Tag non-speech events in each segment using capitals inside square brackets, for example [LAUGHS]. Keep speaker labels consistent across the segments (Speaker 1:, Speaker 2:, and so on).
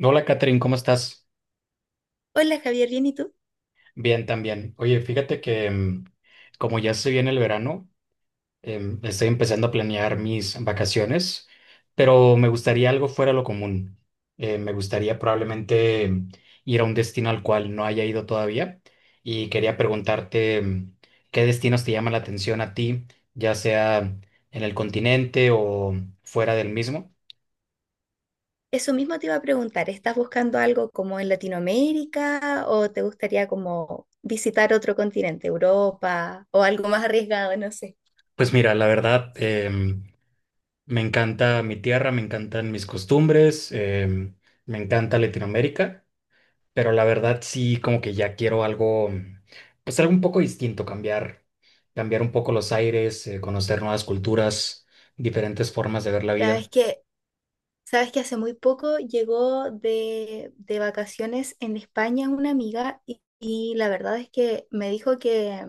Speaker 1: Hola, Catherine, ¿cómo estás?
Speaker 2: Hola Javier, ¿bien y tú?
Speaker 1: Bien, también. Oye, fíjate que como ya se viene el verano, estoy empezando a planear mis vacaciones, pero me gustaría algo fuera de lo común. Me gustaría probablemente ir a un destino al cual no haya ido todavía y quería preguntarte qué destinos te llaman la atención a ti, ya sea en el continente o fuera del mismo.
Speaker 2: Eso mismo te iba a preguntar. ¿Estás buscando algo como en Latinoamérica o te gustaría como visitar otro continente, Europa o algo más arriesgado, no sé?
Speaker 1: Pues mira, la verdad, me encanta mi tierra, me encantan mis costumbres, me encanta Latinoamérica, pero la verdad sí como que ya quiero algo, pues algo un poco distinto, cambiar, cambiar un poco los aires, conocer nuevas culturas, diferentes formas de ver la
Speaker 2: Sabes
Speaker 1: vida.
Speaker 2: que, sabes que hace muy poco llegó de vacaciones en España una amiga y la verdad es que me dijo que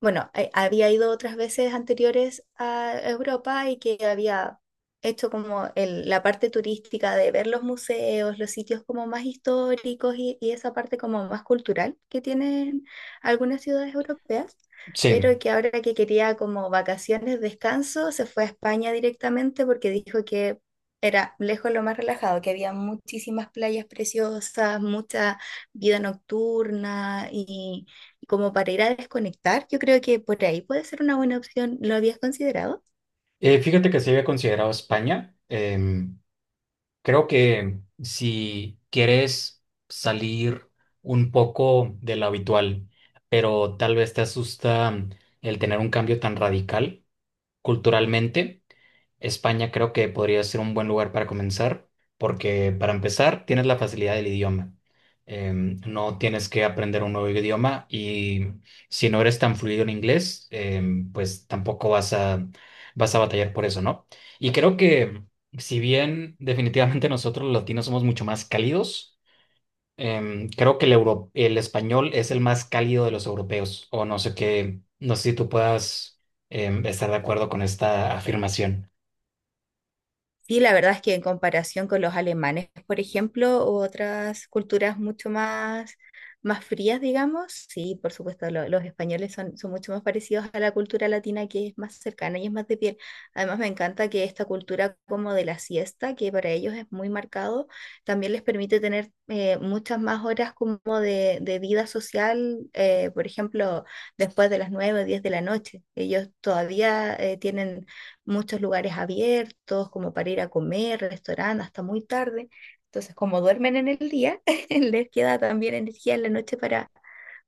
Speaker 2: bueno, había ido otras veces anteriores a Europa y que había hecho como la parte turística de ver los museos, los sitios como más históricos y esa parte como más cultural que tienen algunas ciudades europeas,
Speaker 1: Sí.
Speaker 2: pero que ahora que quería como vacaciones, descanso, se fue a España directamente porque dijo que era lejos lo más relajado, que había muchísimas playas preciosas, mucha vida nocturna como para ir a desconectar. Yo creo que por ahí puede ser una buena opción. ¿Lo habías considerado?
Speaker 1: Fíjate que se había considerado España. Creo que si quieres salir un poco de lo habitual, pero tal vez te asusta el tener un cambio tan radical culturalmente, España creo que podría ser un buen lugar para comenzar, porque para empezar tienes la facilidad del idioma. No tienes que aprender un nuevo idioma y si no eres tan fluido en inglés, pues tampoco vas a batallar por eso, ¿no? Y creo que si bien definitivamente [LAUGHS] nosotros los latinos somos mucho más cálidos, creo que el, el español es el más cálido de los europeos, o no sé qué, no sé si tú puedas estar de acuerdo con esta afirmación.
Speaker 2: Sí, la verdad es que en comparación con los alemanes, por ejemplo, u otras culturas mucho más, más frías, digamos, sí, por supuesto, los españoles son, son mucho más parecidos a la cultura latina que es más cercana y es más de piel. Además, me encanta que esta cultura como de la siesta, que para ellos es muy marcado, también les permite tener muchas más horas como de vida social, por ejemplo, después de las 9, o 10 de la noche. Ellos todavía tienen muchos lugares abiertos, como para ir a comer, restaurantes, hasta muy tarde. Entonces, como duermen en el día, [LAUGHS] les queda también energía en la noche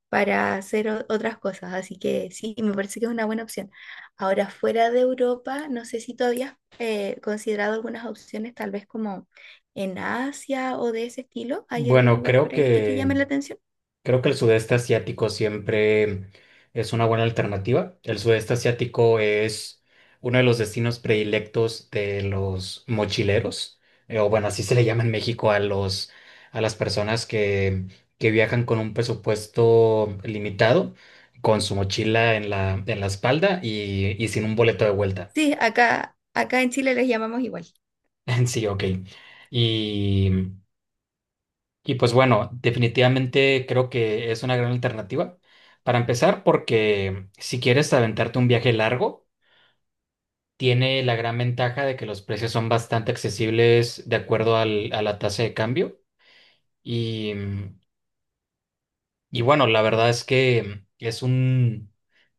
Speaker 2: para hacer otras cosas. Así que sí, me parece que es una buena opción. Ahora, fuera de Europa, no sé si todavía has considerado algunas opciones, tal vez como en Asia o de ese estilo. ¿Hay algún
Speaker 1: Bueno,
Speaker 2: lugar por ahí que te llame la atención?
Speaker 1: creo que el sudeste asiático siempre es una buena alternativa. El sudeste asiático es uno de los destinos predilectos de los mochileros, o bueno, así se le llama en México a los, a las personas que viajan con un presupuesto limitado, con su mochila en en la espalda y sin un boleto de vuelta.
Speaker 2: Sí, acá en Chile les llamamos igual.
Speaker 1: [LAUGHS] Sí, ok. Y, Y pues bueno, definitivamente creo que es una gran alternativa. Para empezar, porque si quieres aventarte un viaje largo, tiene la gran ventaja de que los precios son bastante accesibles de acuerdo a la tasa de cambio. Y, y bueno, la verdad es que es un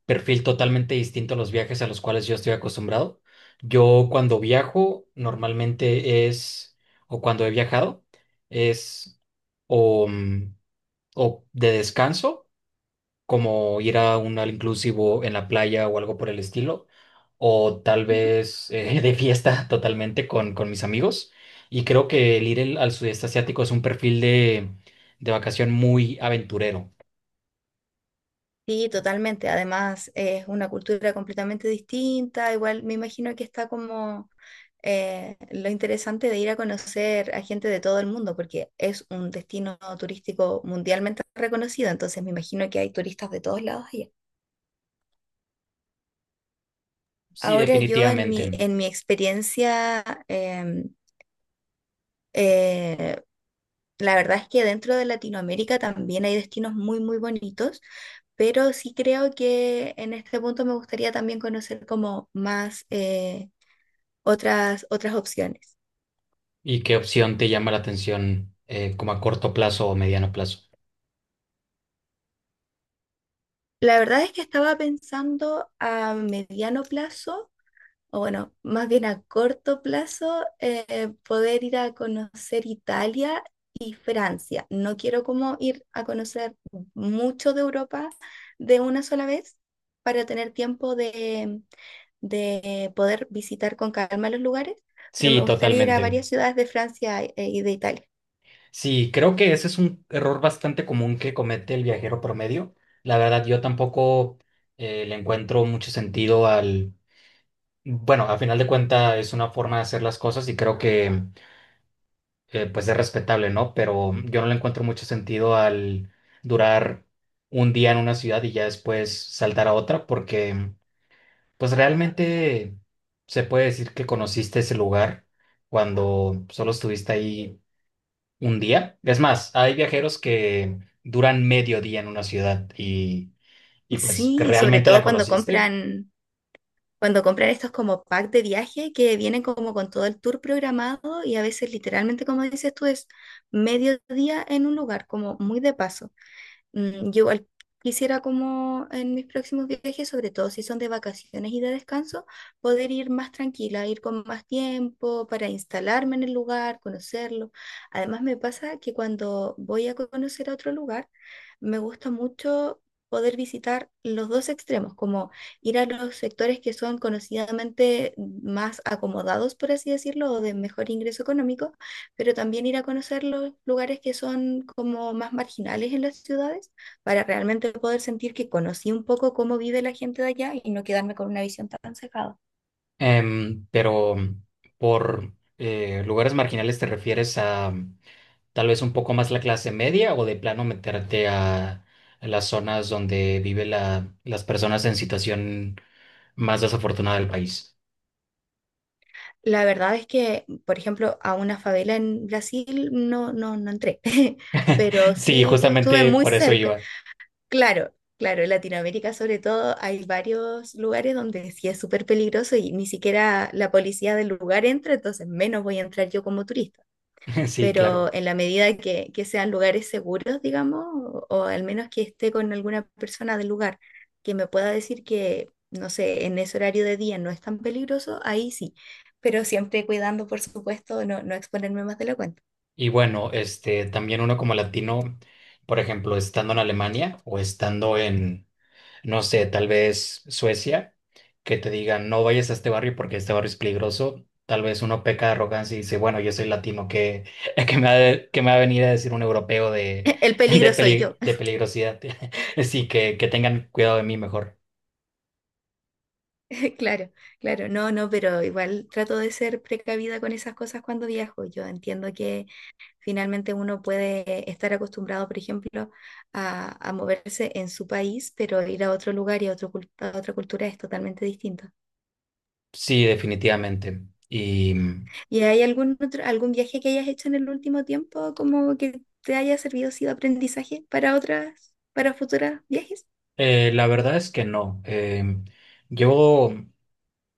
Speaker 1: perfil totalmente distinto a los viajes a los cuales yo estoy acostumbrado. Yo cuando viajo, normalmente es, o cuando he viajado, es o, o de descanso como ir a un all inclusivo en la playa o algo por el estilo, o tal
Speaker 2: Ujú.
Speaker 1: vez [LAUGHS] de fiesta totalmente con mis amigos. Y creo que el ir al sudeste asiático es un perfil de vacación muy aventurero.
Speaker 2: Sí, totalmente. Además, es una cultura completamente distinta. Igual me imagino que está como lo interesante de ir a conocer a gente de todo el mundo, porque es un destino turístico mundialmente reconocido. Entonces, me imagino que hay turistas de todos lados allá.
Speaker 1: Sí,
Speaker 2: Ahora yo en mi,
Speaker 1: definitivamente.
Speaker 2: en mi experiencia, eh, la verdad es que dentro de Latinoamérica también hay destinos muy, muy bonitos, pero sí creo que en este punto me gustaría también conocer como más otras, otras opciones.
Speaker 1: ¿Y qué opción te llama la atención como a corto plazo o mediano plazo?
Speaker 2: La verdad es que estaba pensando a mediano plazo, o bueno, más bien a corto plazo, poder ir a conocer Italia y Francia. No quiero como ir a conocer mucho de Europa de una sola vez para tener tiempo de poder visitar con calma los lugares, pero
Speaker 1: Sí,
Speaker 2: me gustaría ir a
Speaker 1: totalmente.
Speaker 2: varias ciudades de Francia y de Italia. [LAUGHS]
Speaker 1: Sí, creo que ese es un error bastante común que comete el viajero promedio. La verdad, yo tampoco le encuentro mucho sentido al bueno, a final de cuentas es una forma de hacer las cosas y creo que pues es respetable, ¿no? Pero yo no le encuentro mucho sentido al durar un día en una ciudad y ya después saltar a otra porque pues realmente se puede decir que conociste ese lugar cuando solo estuviste ahí un día. Es más, hay viajeros que duran medio día en una ciudad y pues que
Speaker 2: Sí, sobre
Speaker 1: realmente la
Speaker 2: todo
Speaker 1: conociste.
Speaker 2: cuando compran estos como pack de viaje que vienen como con todo el tour programado y a veces literalmente, como dices tú, es medio día en un lugar, como muy de paso. Mm, yo igual quisiera como en mis próximos viajes, sobre todo si son de vacaciones y de descanso, poder ir más tranquila, ir con más tiempo para instalarme en el lugar, conocerlo. Además me pasa que cuando voy a conocer a otro lugar, me gusta mucho poder visitar los dos extremos, como ir a los sectores que son conocidamente más acomodados, por así decirlo, o de mejor ingreso económico, pero también ir a conocer los lugares que son como más marginales en las ciudades para realmente poder sentir que conocí un poco cómo vive la gente de allá y no quedarme con una visión tan cerrada.
Speaker 1: Em, pero mm, por Lugares marginales te refieres a, tal vez un poco más la clase media o de plano meterte a las zonas donde vive las personas en situación más desafortunada del país. [LAUGHS]
Speaker 2: La verdad es que, por ejemplo, a una favela en Brasil no, no, no entré, [LAUGHS] pero
Speaker 1: Sí,
Speaker 2: sí estuve
Speaker 1: justamente
Speaker 2: muy
Speaker 1: por eso
Speaker 2: cerca.
Speaker 1: iba.
Speaker 2: Claro. Claro, en Latinoamérica sobre todo hay varios lugares donde sí es súper peligroso y ni siquiera la policía del lugar entra, entonces menos voy a entrar yo como turista.
Speaker 1: [LAUGHS] Sí, claro.
Speaker 2: Pero en la medida que sean lugares seguros, digamos, o al menos que esté con alguna persona del lugar que me pueda decir que, no sé, en ese horario de día no es tan peligroso, ahí sí, pero siempre cuidando, por supuesto, no, no exponerme más de la cuenta.
Speaker 1: Y bueno, este, también uno como latino, por ejemplo, estando en Alemania o estando en no sé, tal vez Suecia, que te digan, no vayas a este barrio porque este barrio es peligroso. Tal vez uno peca de arrogancia y dice, bueno, yo soy latino, que [LAUGHS] que me va, de- qué me va a venir a decir un europeo de,
Speaker 2: [LAUGHS] El
Speaker 1: [LAUGHS]
Speaker 2: peligro soy yo.
Speaker 1: de
Speaker 2: [LAUGHS]
Speaker 1: peligrosidad. [LAUGHS] Así que tengan cuidado de mí mejor.
Speaker 2: Claro, claro, no, no, pero igual trato de ser precavida con esas cosas cuando viajo. Yo entiendo que finalmente uno puede estar acostumbrado, por ejemplo, a moverse en su país, pero ir a otro lugar y a, a otra cultura es totalmente distinto.
Speaker 1: Sí, definitivamente. Y
Speaker 2: ¿Y hay algún otro, algún viaje que hayas hecho en el último tiempo como que te haya servido, sido aprendizaje para otras, para futuros viajes?
Speaker 1: la verdad es que no. Yo.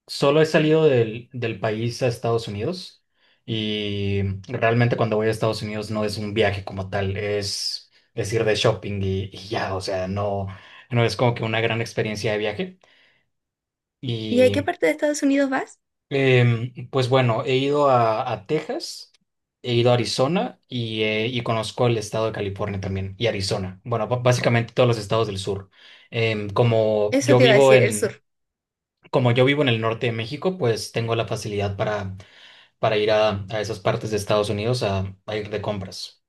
Speaker 1: Solo he salido del país a Estados Unidos y realmente cuando voy a Estados Unidos no es un viaje como tal, es decir de shopping y ya, o sea, no, no es como que una gran experiencia de viaje.
Speaker 2: ¿Y a qué
Speaker 1: Y
Speaker 2: parte de Estados Unidos vas?
Speaker 1: pues bueno, he ido a Texas, he ido a Arizona y conozco el estado de California también y Arizona. Bueno, básicamente todos los estados del sur. Em, como
Speaker 2: Eso
Speaker 1: yo
Speaker 2: te iba a
Speaker 1: vivo
Speaker 2: decir, el
Speaker 1: en,
Speaker 2: sur.
Speaker 1: Como yo vivo en el norte de México, pues tengo la facilidad para ir a esas partes de Estados Unidos a ir de compras.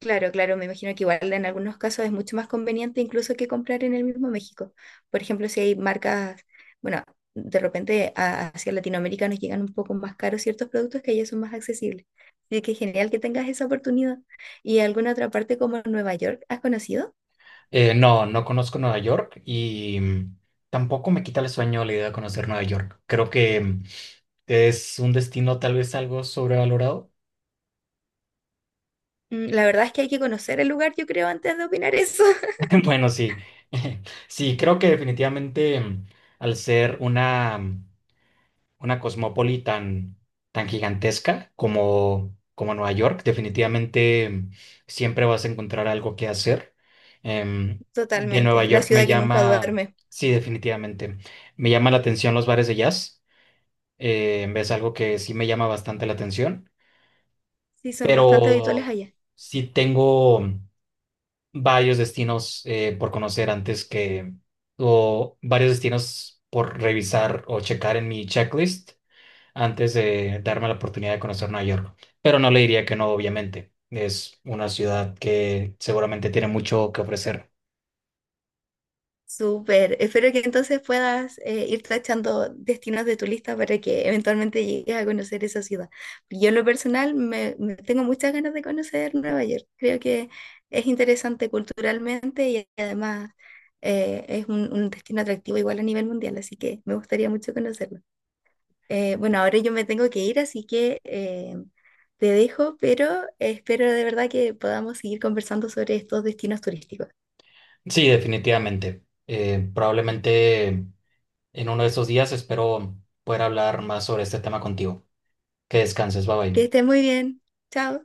Speaker 2: Claro, claro, me imagino que igual en algunos casos es mucho más conveniente incluso que comprar en el mismo México. Por ejemplo, si hay marcas, bueno, de repente hacia Latinoamérica nos llegan un poco más caros ciertos productos que allá son más accesibles. Así que genial que tengas esa oportunidad. ¿Y alguna otra parte como Nueva York has conocido?
Speaker 1: No, no conozco Nueva York y tampoco me quita el sueño la idea de conocer Nueva York. Creo que es un destino tal vez algo sobrevalorado.
Speaker 2: Mm, la verdad es que hay que conocer el lugar, yo creo, antes de opinar eso. [LAUGHS]
Speaker 1: [LAUGHS] Bueno, sí, [LAUGHS] sí, creo que definitivamente al ser una... una cosmópoli tan, tan gigantesca como, como Nueva York. Definitivamente siempre vas a encontrar algo que hacer. Em, de Nueva
Speaker 2: Totalmente, la
Speaker 1: York me
Speaker 2: ciudad que nunca
Speaker 1: llama,
Speaker 2: duerme.
Speaker 1: sí, definitivamente, me llama la atención los bares de jazz. Es algo que sí me llama bastante la atención,
Speaker 2: Sí, son bastante
Speaker 1: pero
Speaker 2: habituales allá.
Speaker 1: sí tengo varios destinos por conocer antes que, o varios destinos por revisar o checar en mi checklist antes de darme la oportunidad de conocer Nueva York. Pero no le diría que no, obviamente. Es una ciudad que seguramente tiene mucho que ofrecer.
Speaker 2: Súper. Espero que entonces puedas ir tachando destinos de tu lista para que eventualmente llegues a conocer esa ciudad. Yo en lo personal me tengo muchas ganas de conocer Nueva York. Creo que es interesante culturalmente y además es un destino atractivo igual a nivel mundial, así que me gustaría mucho conocerlo. Bueno, ahora yo me tengo que ir, así que te dejo, pero espero de verdad que podamos seguir conversando sobre estos destinos turísticos.
Speaker 1: Sí, definitivamente. Probablemente en uno de esos días espero poder hablar más sobre este tema contigo. Que descanses, bye
Speaker 2: Que
Speaker 1: bye.
Speaker 2: estés muy bien. Chao.